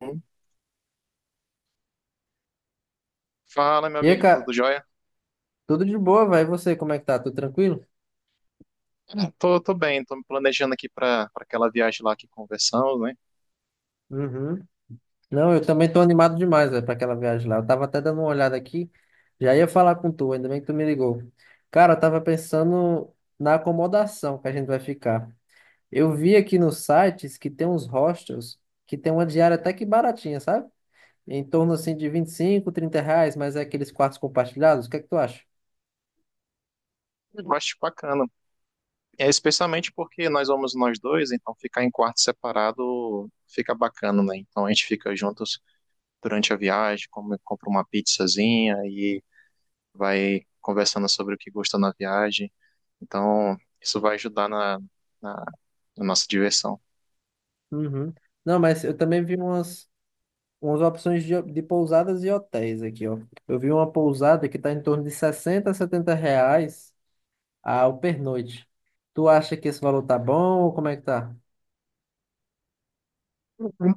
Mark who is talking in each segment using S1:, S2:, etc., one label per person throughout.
S1: Hum. Fala, meu
S2: E aí,
S1: amigo, tudo
S2: cara,
S1: jóia?
S2: tudo de boa, vai. E você, como é que tá? Tudo tranquilo?
S1: Tô, bem, tô me planejando aqui para aquela viagem lá que conversamos, né?
S2: Uhum. Não, eu também tô animado demais, velho, pra aquela viagem lá. Eu tava até dando uma olhada aqui, já ia falar com tu, ainda bem que tu me ligou. Cara, eu tava pensando na acomodação que a gente vai ficar. Eu vi aqui nos sites que tem uns hostels que tem uma diária até que baratinha, sabe? Em torno, assim, de 25, 30 reais, mas é aqueles quartos compartilhados. O que é que tu acha?
S1: Eu acho bacana. É, especialmente porque nós vamos nós dois, então ficar em quarto separado fica bacana, né? Então a gente fica juntos durante a viagem, compra uma pizzazinha e vai conversando sobre o que gosta na viagem. Então isso vai ajudar na, na nossa diversão.
S2: Uhum. Não, mas eu também vi umas. Umas opções de pousadas e hotéis aqui, ó. Eu vi uma pousada que está em torno de 60 a R$ 70 ao pernoite. Tu acha que esse valor tá bom ou como é que tá?
S1: Uhum.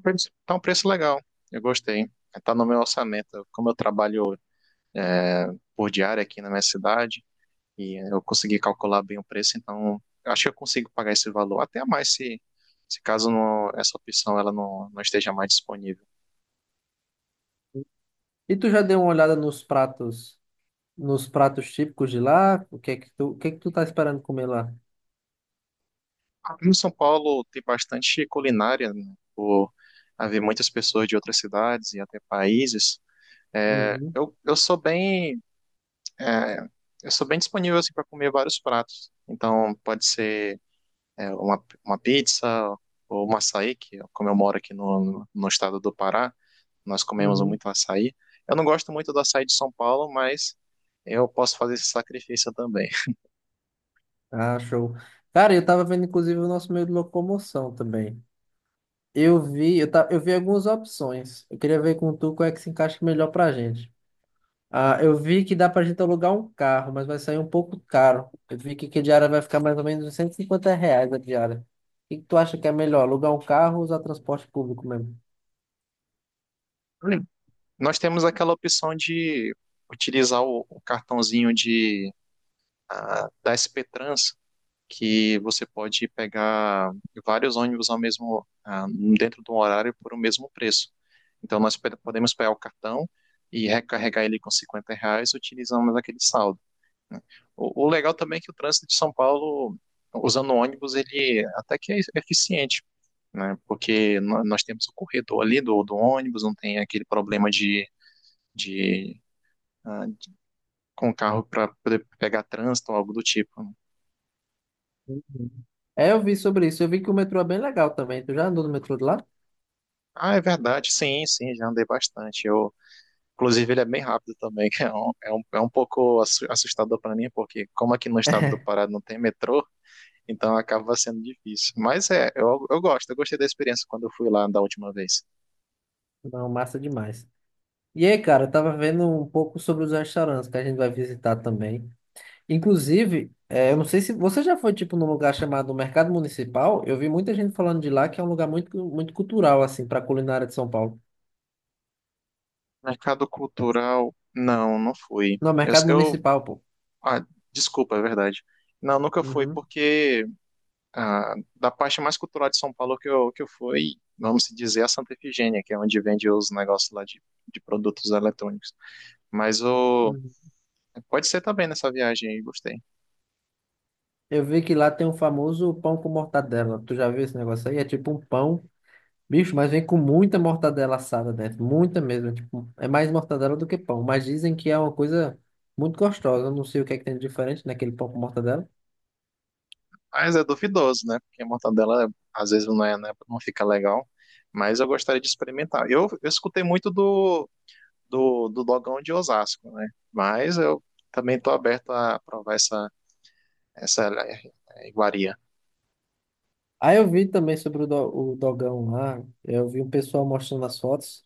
S1: Tá um preço legal, eu gostei. Tá no meu orçamento. Como eu trabalho por diária aqui na minha cidade e eu consegui calcular bem o preço, então eu acho que eu consigo pagar esse valor, até mais se caso não, essa opção ela não esteja mais disponível.
S2: E tu já deu uma olhada nos pratos típicos de lá? O que é que tu, o que é que tu tá esperando comer lá?
S1: Aqui no São Paulo tem bastante culinária, né, por haver muitas pessoas de outras cidades e até países.
S2: Uhum,
S1: Eu sou bem é, eu sou bem disponível assim, para comer vários pratos. Então pode ser uma pizza ou um açaí, que é como eu moro aqui no estado do Pará, nós comemos
S2: uhum.
S1: muito açaí. Eu não gosto muito do açaí de São Paulo, mas eu posso fazer esse sacrifício também.
S2: Ah, show. Cara, eu tava vendo inclusive o nosso meio de locomoção também. Eu vi algumas opções. Eu queria ver com tu qual é que se encaixa melhor pra gente. Ah, eu vi que dá pra gente alugar um carro, mas vai sair um pouco caro. Eu vi que a diária vai ficar mais ou menos 150 reais a diária. O que que tu acha que é melhor, alugar um carro ou usar transporte público mesmo?
S1: Hum. Nós temos aquela opção de utilizar o cartãozinho da SP Trans, que você pode pegar vários ônibus ao mesmo, dentro do horário por o mesmo preço. Então, podemos pegar o cartão e recarregar ele com 50 reais, utilizando aquele saldo. O legal também é que o trânsito de São Paulo, usando ônibus, ele até que é eficiente, né? Porque nós temos o corredor ali do ônibus, não tem aquele problema de ah, com o carro para poder pegar trânsito ou algo do tipo, né?
S2: Uhum. É, eu vi sobre isso. Eu vi que o metrô é bem legal também. Tu já andou no metrô de lá?
S1: Ah, é verdade, sim, sim, já andei bastante. Eu, inclusive, ele é bem rápido também, que é é um pouco assustador para mim, porque como aqui no estado do Pará não tem metrô, então acaba sendo difícil. Mas eu gosto, eu gostei da experiência quando eu fui lá da última vez.
S2: Não, massa demais. E aí, cara, eu tava vendo um pouco sobre os restaurantes que a gente vai visitar também. Inclusive, é, eu não sei se você já foi tipo num lugar chamado Mercado Municipal. Eu vi muita gente falando de lá que é um lugar muito, muito cultural assim para culinária de São Paulo.
S1: Mercado cultural, não, não fui.
S2: No mercado municipal, pô.
S1: Ah, desculpa, é verdade. Não, nunca fui,
S2: Uhum,
S1: porque da parte mais cultural de São Paulo que eu fui, vamos dizer, a Santa Efigênia, que é onde vende os negócios lá de produtos eletrônicos. Mas o,
S2: uhum.
S1: pode ser também nessa viagem aí, gostei.
S2: Eu vi que lá tem um famoso pão com mortadela. Tu já viu esse negócio aí? É tipo um pão, bicho, mas vem com muita mortadela assada dentro. Muita mesmo. É, tipo, é mais mortadela do que pão. Mas dizem que é uma coisa muito gostosa. Eu não sei o que é que tem de diferente naquele pão com mortadela.
S1: Mas é duvidoso, né? Porque a mortadela às vezes não é, né, não fica legal. Mas eu gostaria de experimentar. Eu escutei muito do do Dogão de Osasco, né? Mas eu também tô aberto a provar essa iguaria.
S2: Aí eu vi também sobre o dogão lá. Eu vi um pessoal mostrando as fotos.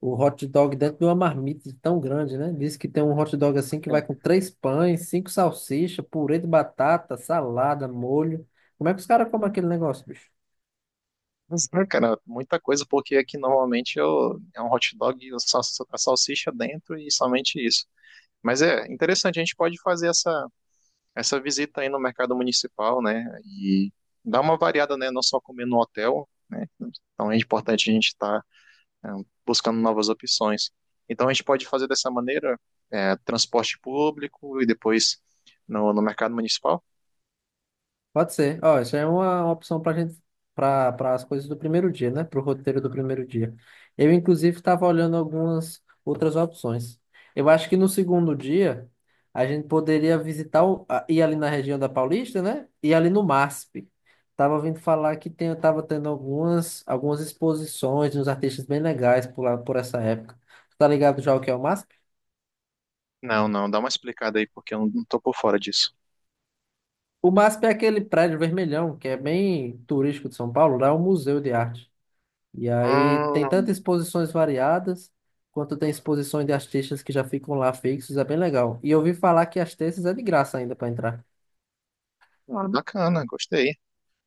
S2: O hot dog dentro de uma marmita tão grande, né? Diz que tem um hot dog assim que
S1: É.
S2: vai com três pães, cinco salsichas, purê de batata, salada, molho. Como é que os caras comem aquele negócio, bicho?
S1: Mas, cara, muita coisa, porque aqui normalmente é um hot dog, a salsicha dentro e somente isso. Mas é interessante, a gente pode fazer essa visita aí no mercado municipal, né? E dar uma variada, né? Não só comer no hotel, né? Então é importante a gente estar é, buscando novas opções. Então a gente pode fazer dessa maneira transporte público e depois no mercado municipal?
S2: Pode ser. Ó, isso é uma opção para gente, para as coisas do primeiro dia, né? Para o roteiro do primeiro dia. Eu, inclusive, estava olhando algumas outras opções. Eu acho que no segundo dia a gente poderia visitar ir ali na região da Paulista, né? E ali no MASP. Tava ouvindo falar que tava tendo algumas exposições de uns artistas bem legais por lá, por essa época. Tu tá ligado já o que é o MASP?
S1: Não, não, dá uma explicada aí porque eu não estou por fora disso.
S2: O MASP é aquele prédio vermelhão que é bem turístico de São Paulo. Lá é um museu de arte. E aí tem
S1: Hum,
S2: tantas exposições variadas, quanto tem exposições de artistas que já ficam lá fixos, é bem legal. E eu ouvi falar que as terças é de graça ainda para entrar.
S1: ah, bacana, gostei.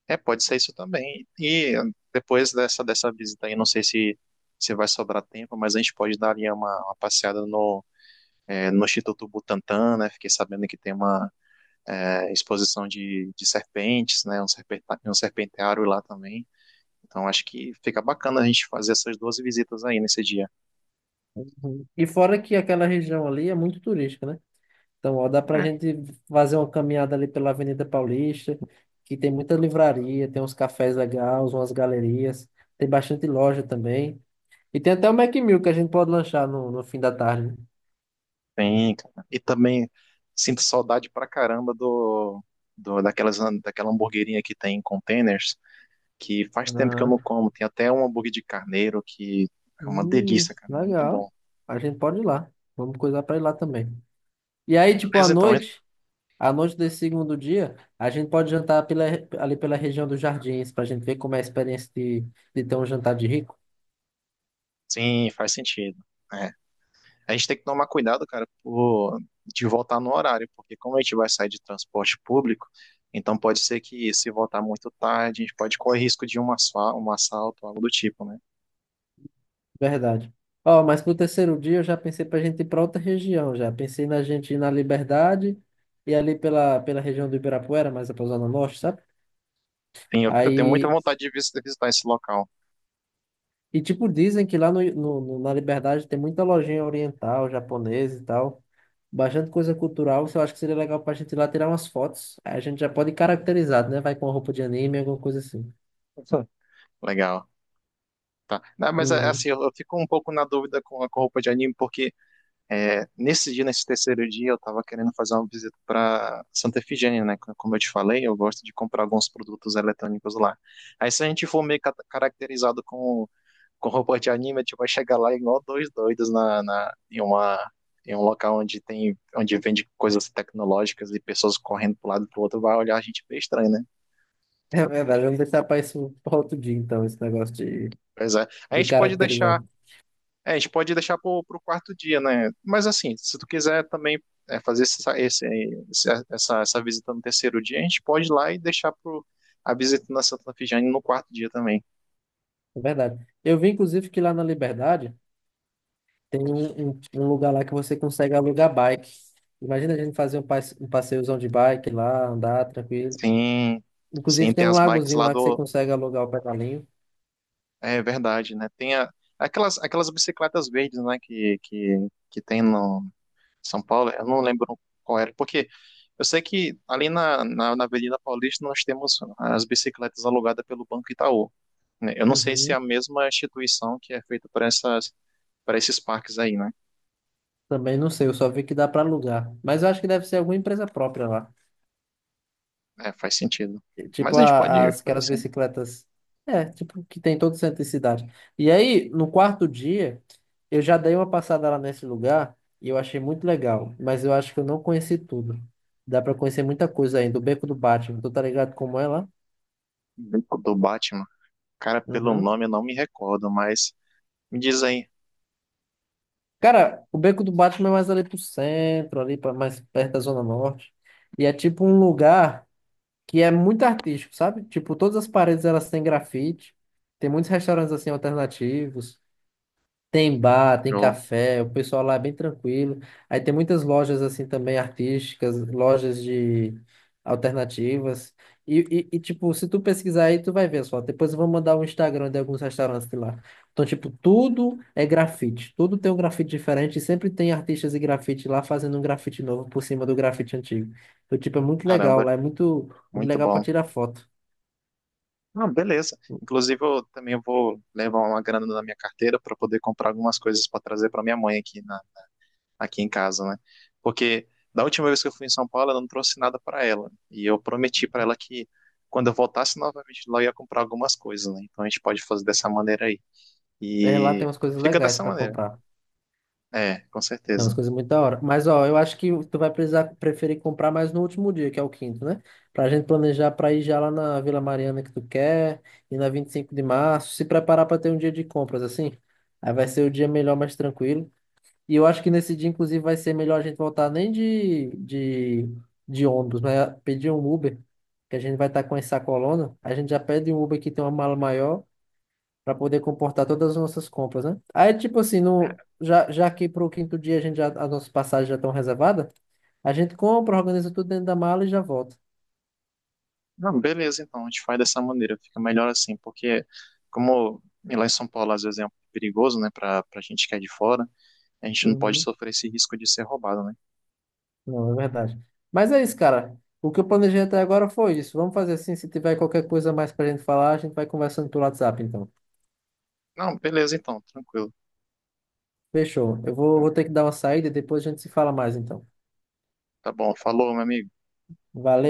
S1: É, pode ser isso também. E depois dessa visita aí, não sei se, se vai sobrar tempo, mas a gente pode dar ali uma passeada no Instituto Butantan, né? Fiquei sabendo que tem uma exposição de serpentes, né? Um serpenteário lá também. Então acho que fica bacana a gente fazer essas duas visitas aí nesse dia.
S2: Uhum. E fora que aquela região ali é muito turística, né? Então, ó, dá pra
S1: É.
S2: gente fazer uma caminhada ali pela Avenida Paulista, que tem muita livraria, tem uns cafés legais, umas galerias, tem bastante loja também. E tem até o Mac Mill que a gente pode lanchar no fim da tarde.
S1: Bem, cara. E também sinto saudade pra caramba do, do daquelas, daquela hamburguerinha que tem em containers, que faz tempo que eu
S2: Aham.
S1: não como. Tem até um hambúrguer de carneiro que é uma delícia, cara. Muito
S2: Legal.
S1: bom.
S2: A gente pode ir lá. Vamos coisar para ir lá também. E aí, tipo,
S1: Beleza, então.
S2: à noite desse segundo dia, a gente pode jantar ali pela região dos jardins, pra gente ver como é a experiência de ter um jantar de rico.
S1: Sim, faz sentido. É, a gente tem que tomar cuidado, cara, de voltar no horário, porque como a gente vai sair de transporte público, então pode ser que se voltar muito tarde, a gente pode correr risco de um um assalto, algo do tipo, né?
S2: Verdade. Ó, mas pro terceiro dia eu já pensei pra gente ir pra outra região já. Pensei na gente ir na Liberdade e ali pela região do Ibirapuera, mais a Zona Norte, sabe?
S1: Sim, eu tenho muita
S2: Aí
S1: vontade de visitar esse local.
S2: e, tipo, dizem que lá na Liberdade tem muita lojinha oriental, japonesa e tal. Bastante coisa cultural. Eu acho que seria legal pra gente ir lá tirar umas fotos. Aí a gente já pode ir caracterizado, né? Vai com roupa de anime, alguma coisa assim.
S1: Sim. Legal. Tá. Não, mas é,
S2: Uhum.
S1: assim, eu fico um pouco na dúvida com roupa de anime, porque é, nesse terceiro dia, eu tava querendo fazer uma visita para Santa Efigênia, né? Como eu te falei, eu gosto de comprar alguns produtos eletrônicos lá. Aí se a gente for meio caracterizado com roupa de anime, tipo, vai chegar lá igual dois doidos em uma em um local onde tem onde vende coisas tecnológicas e pessoas correndo pro lado e pro outro, vai olhar a gente bem estranho, né?
S2: É verdade, vamos deixar para isso para outro dia, então, esse negócio de,
S1: Pois é.
S2: caracterizado.
S1: A gente pode deixar pro quarto dia, né? Mas assim, se tu quiser também é, fazer essa, esse- essa visita no terceiro dia, a gente pode ir lá e deixar pro, a visita na Santa Fijane no quarto dia também.
S2: É verdade. Eu vi, inclusive, que lá na Liberdade tem um lugar lá que você consegue alugar bike. Imagina a gente fazer um passeiozão de bike lá, andar tranquilo.
S1: Sim, sim,
S2: Inclusive tem
S1: tem
S2: um
S1: as bikes
S2: lagozinho lá que você consegue alugar o pedalinho.
S1: é verdade, né? Aquelas, aquelas bicicletas verdes, né, que tem no São Paulo, eu não lembro qual era, porque eu sei que ali na Avenida Paulista nós temos as bicicletas alugadas pelo Banco Itaú, né? Eu não sei se é
S2: Uhum.
S1: a mesma instituição que é feita para essas, para esses parques aí, né?
S2: Também não sei, eu só vi que dá para alugar. Mas eu acho que deve ser alguma empresa própria lá.
S1: É, faz sentido.
S2: Tipo
S1: Mas a gente pode fazer
S2: aquelas
S1: assim,
S2: bicicletas. É, tipo, que tem em todo centro de cidade. E aí, no quarto dia, eu já dei uma passada lá nesse lugar e eu achei muito legal. Mas eu acho que eu não conheci tudo. Dá para conhecer muita coisa ainda. O Beco do Batman, tu tá ligado como é lá?
S1: Beco do Batman. Cara, pelo
S2: Uhum.
S1: nome eu não me recordo, mas me diz aí.
S2: Cara, o Beco do Batman é mais ali pro centro, mais perto da Zona Norte. E é tipo um lugar que é muito artístico, sabe? Tipo, todas as paredes elas têm grafite. Tem muitos restaurantes assim alternativos. Tem bar, tem
S1: Eu,
S2: café, o pessoal lá é bem tranquilo. Aí tem muitas lojas assim também artísticas, lojas de alternativas. E, tipo, se tu pesquisar aí, tu vai ver só. Depois eu vou mandar o Instagram de alguns restaurantes de lá. Então, tipo, tudo é grafite. Tudo tem um grafite diferente. E sempre tem artistas e grafite lá fazendo um grafite novo por cima do grafite antigo. Então, tipo, é muito legal
S1: caramba,
S2: lá. É muito, muito
S1: muito
S2: legal para
S1: bom.
S2: tirar foto.
S1: Ah, beleza. Inclusive, eu também vou levar uma grana na minha carteira para poder comprar algumas coisas para trazer para minha mãe aqui, na, aqui em casa, né? Porque da última vez que eu fui em São Paulo, eu não trouxe nada para ela. E eu prometi para ela que quando eu voltasse novamente lá, eu ia comprar algumas coisas, né? Então a gente pode fazer dessa maneira aí.
S2: É, lá tem
S1: E
S2: umas coisas
S1: fica
S2: legais
S1: dessa
S2: para
S1: maneira.
S2: comprar.
S1: É, com
S2: Tem umas
S1: certeza.
S2: coisas muito da hora. Mas, ó, eu acho que tu vai precisar preferir comprar mais no último dia, que é o quinto, né? Pra gente planejar pra ir já lá na Vila Mariana que tu quer, e na 25 de março, se preparar pra ter um dia de compras, assim. Aí vai ser o dia melhor, mais tranquilo. E eu acho que nesse dia, inclusive, vai ser melhor a gente voltar nem de ônibus, mas pedir um Uber, que a gente vai estar com essa coluna. A gente já pede um Uber que tem uma mala maior para poder comportar todas as nossas compras, né? Aí, tipo assim, no, já, já que pro quinto dia a gente já, as nossas passagens já estão reservadas, a gente compra, organiza tudo dentro da mala e já volta.
S1: Não, beleza, então a gente faz dessa maneira. Fica melhor assim, porque como lá em São Paulo às vezes é um pouco perigoso, né, para para gente que é de fora. A gente não pode
S2: Uhum.
S1: sofrer esse risco de ser roubado, né?
S2: Não, é verdade. Mas é isso, cara. O que eu planejei até agora foi isso. Vamos fazer assim, se tiver qualquer coisa mais para a gente falar, a gente vai conversando pelo WhatsApp, então.
S1: Não, beleza então, tranquilo.
S2: Fechou. Eu vou ter que dar uma saída e depois a gente se fala mais, então.
S1: Tá bom, falou, meu amigo.
S2: Valeu.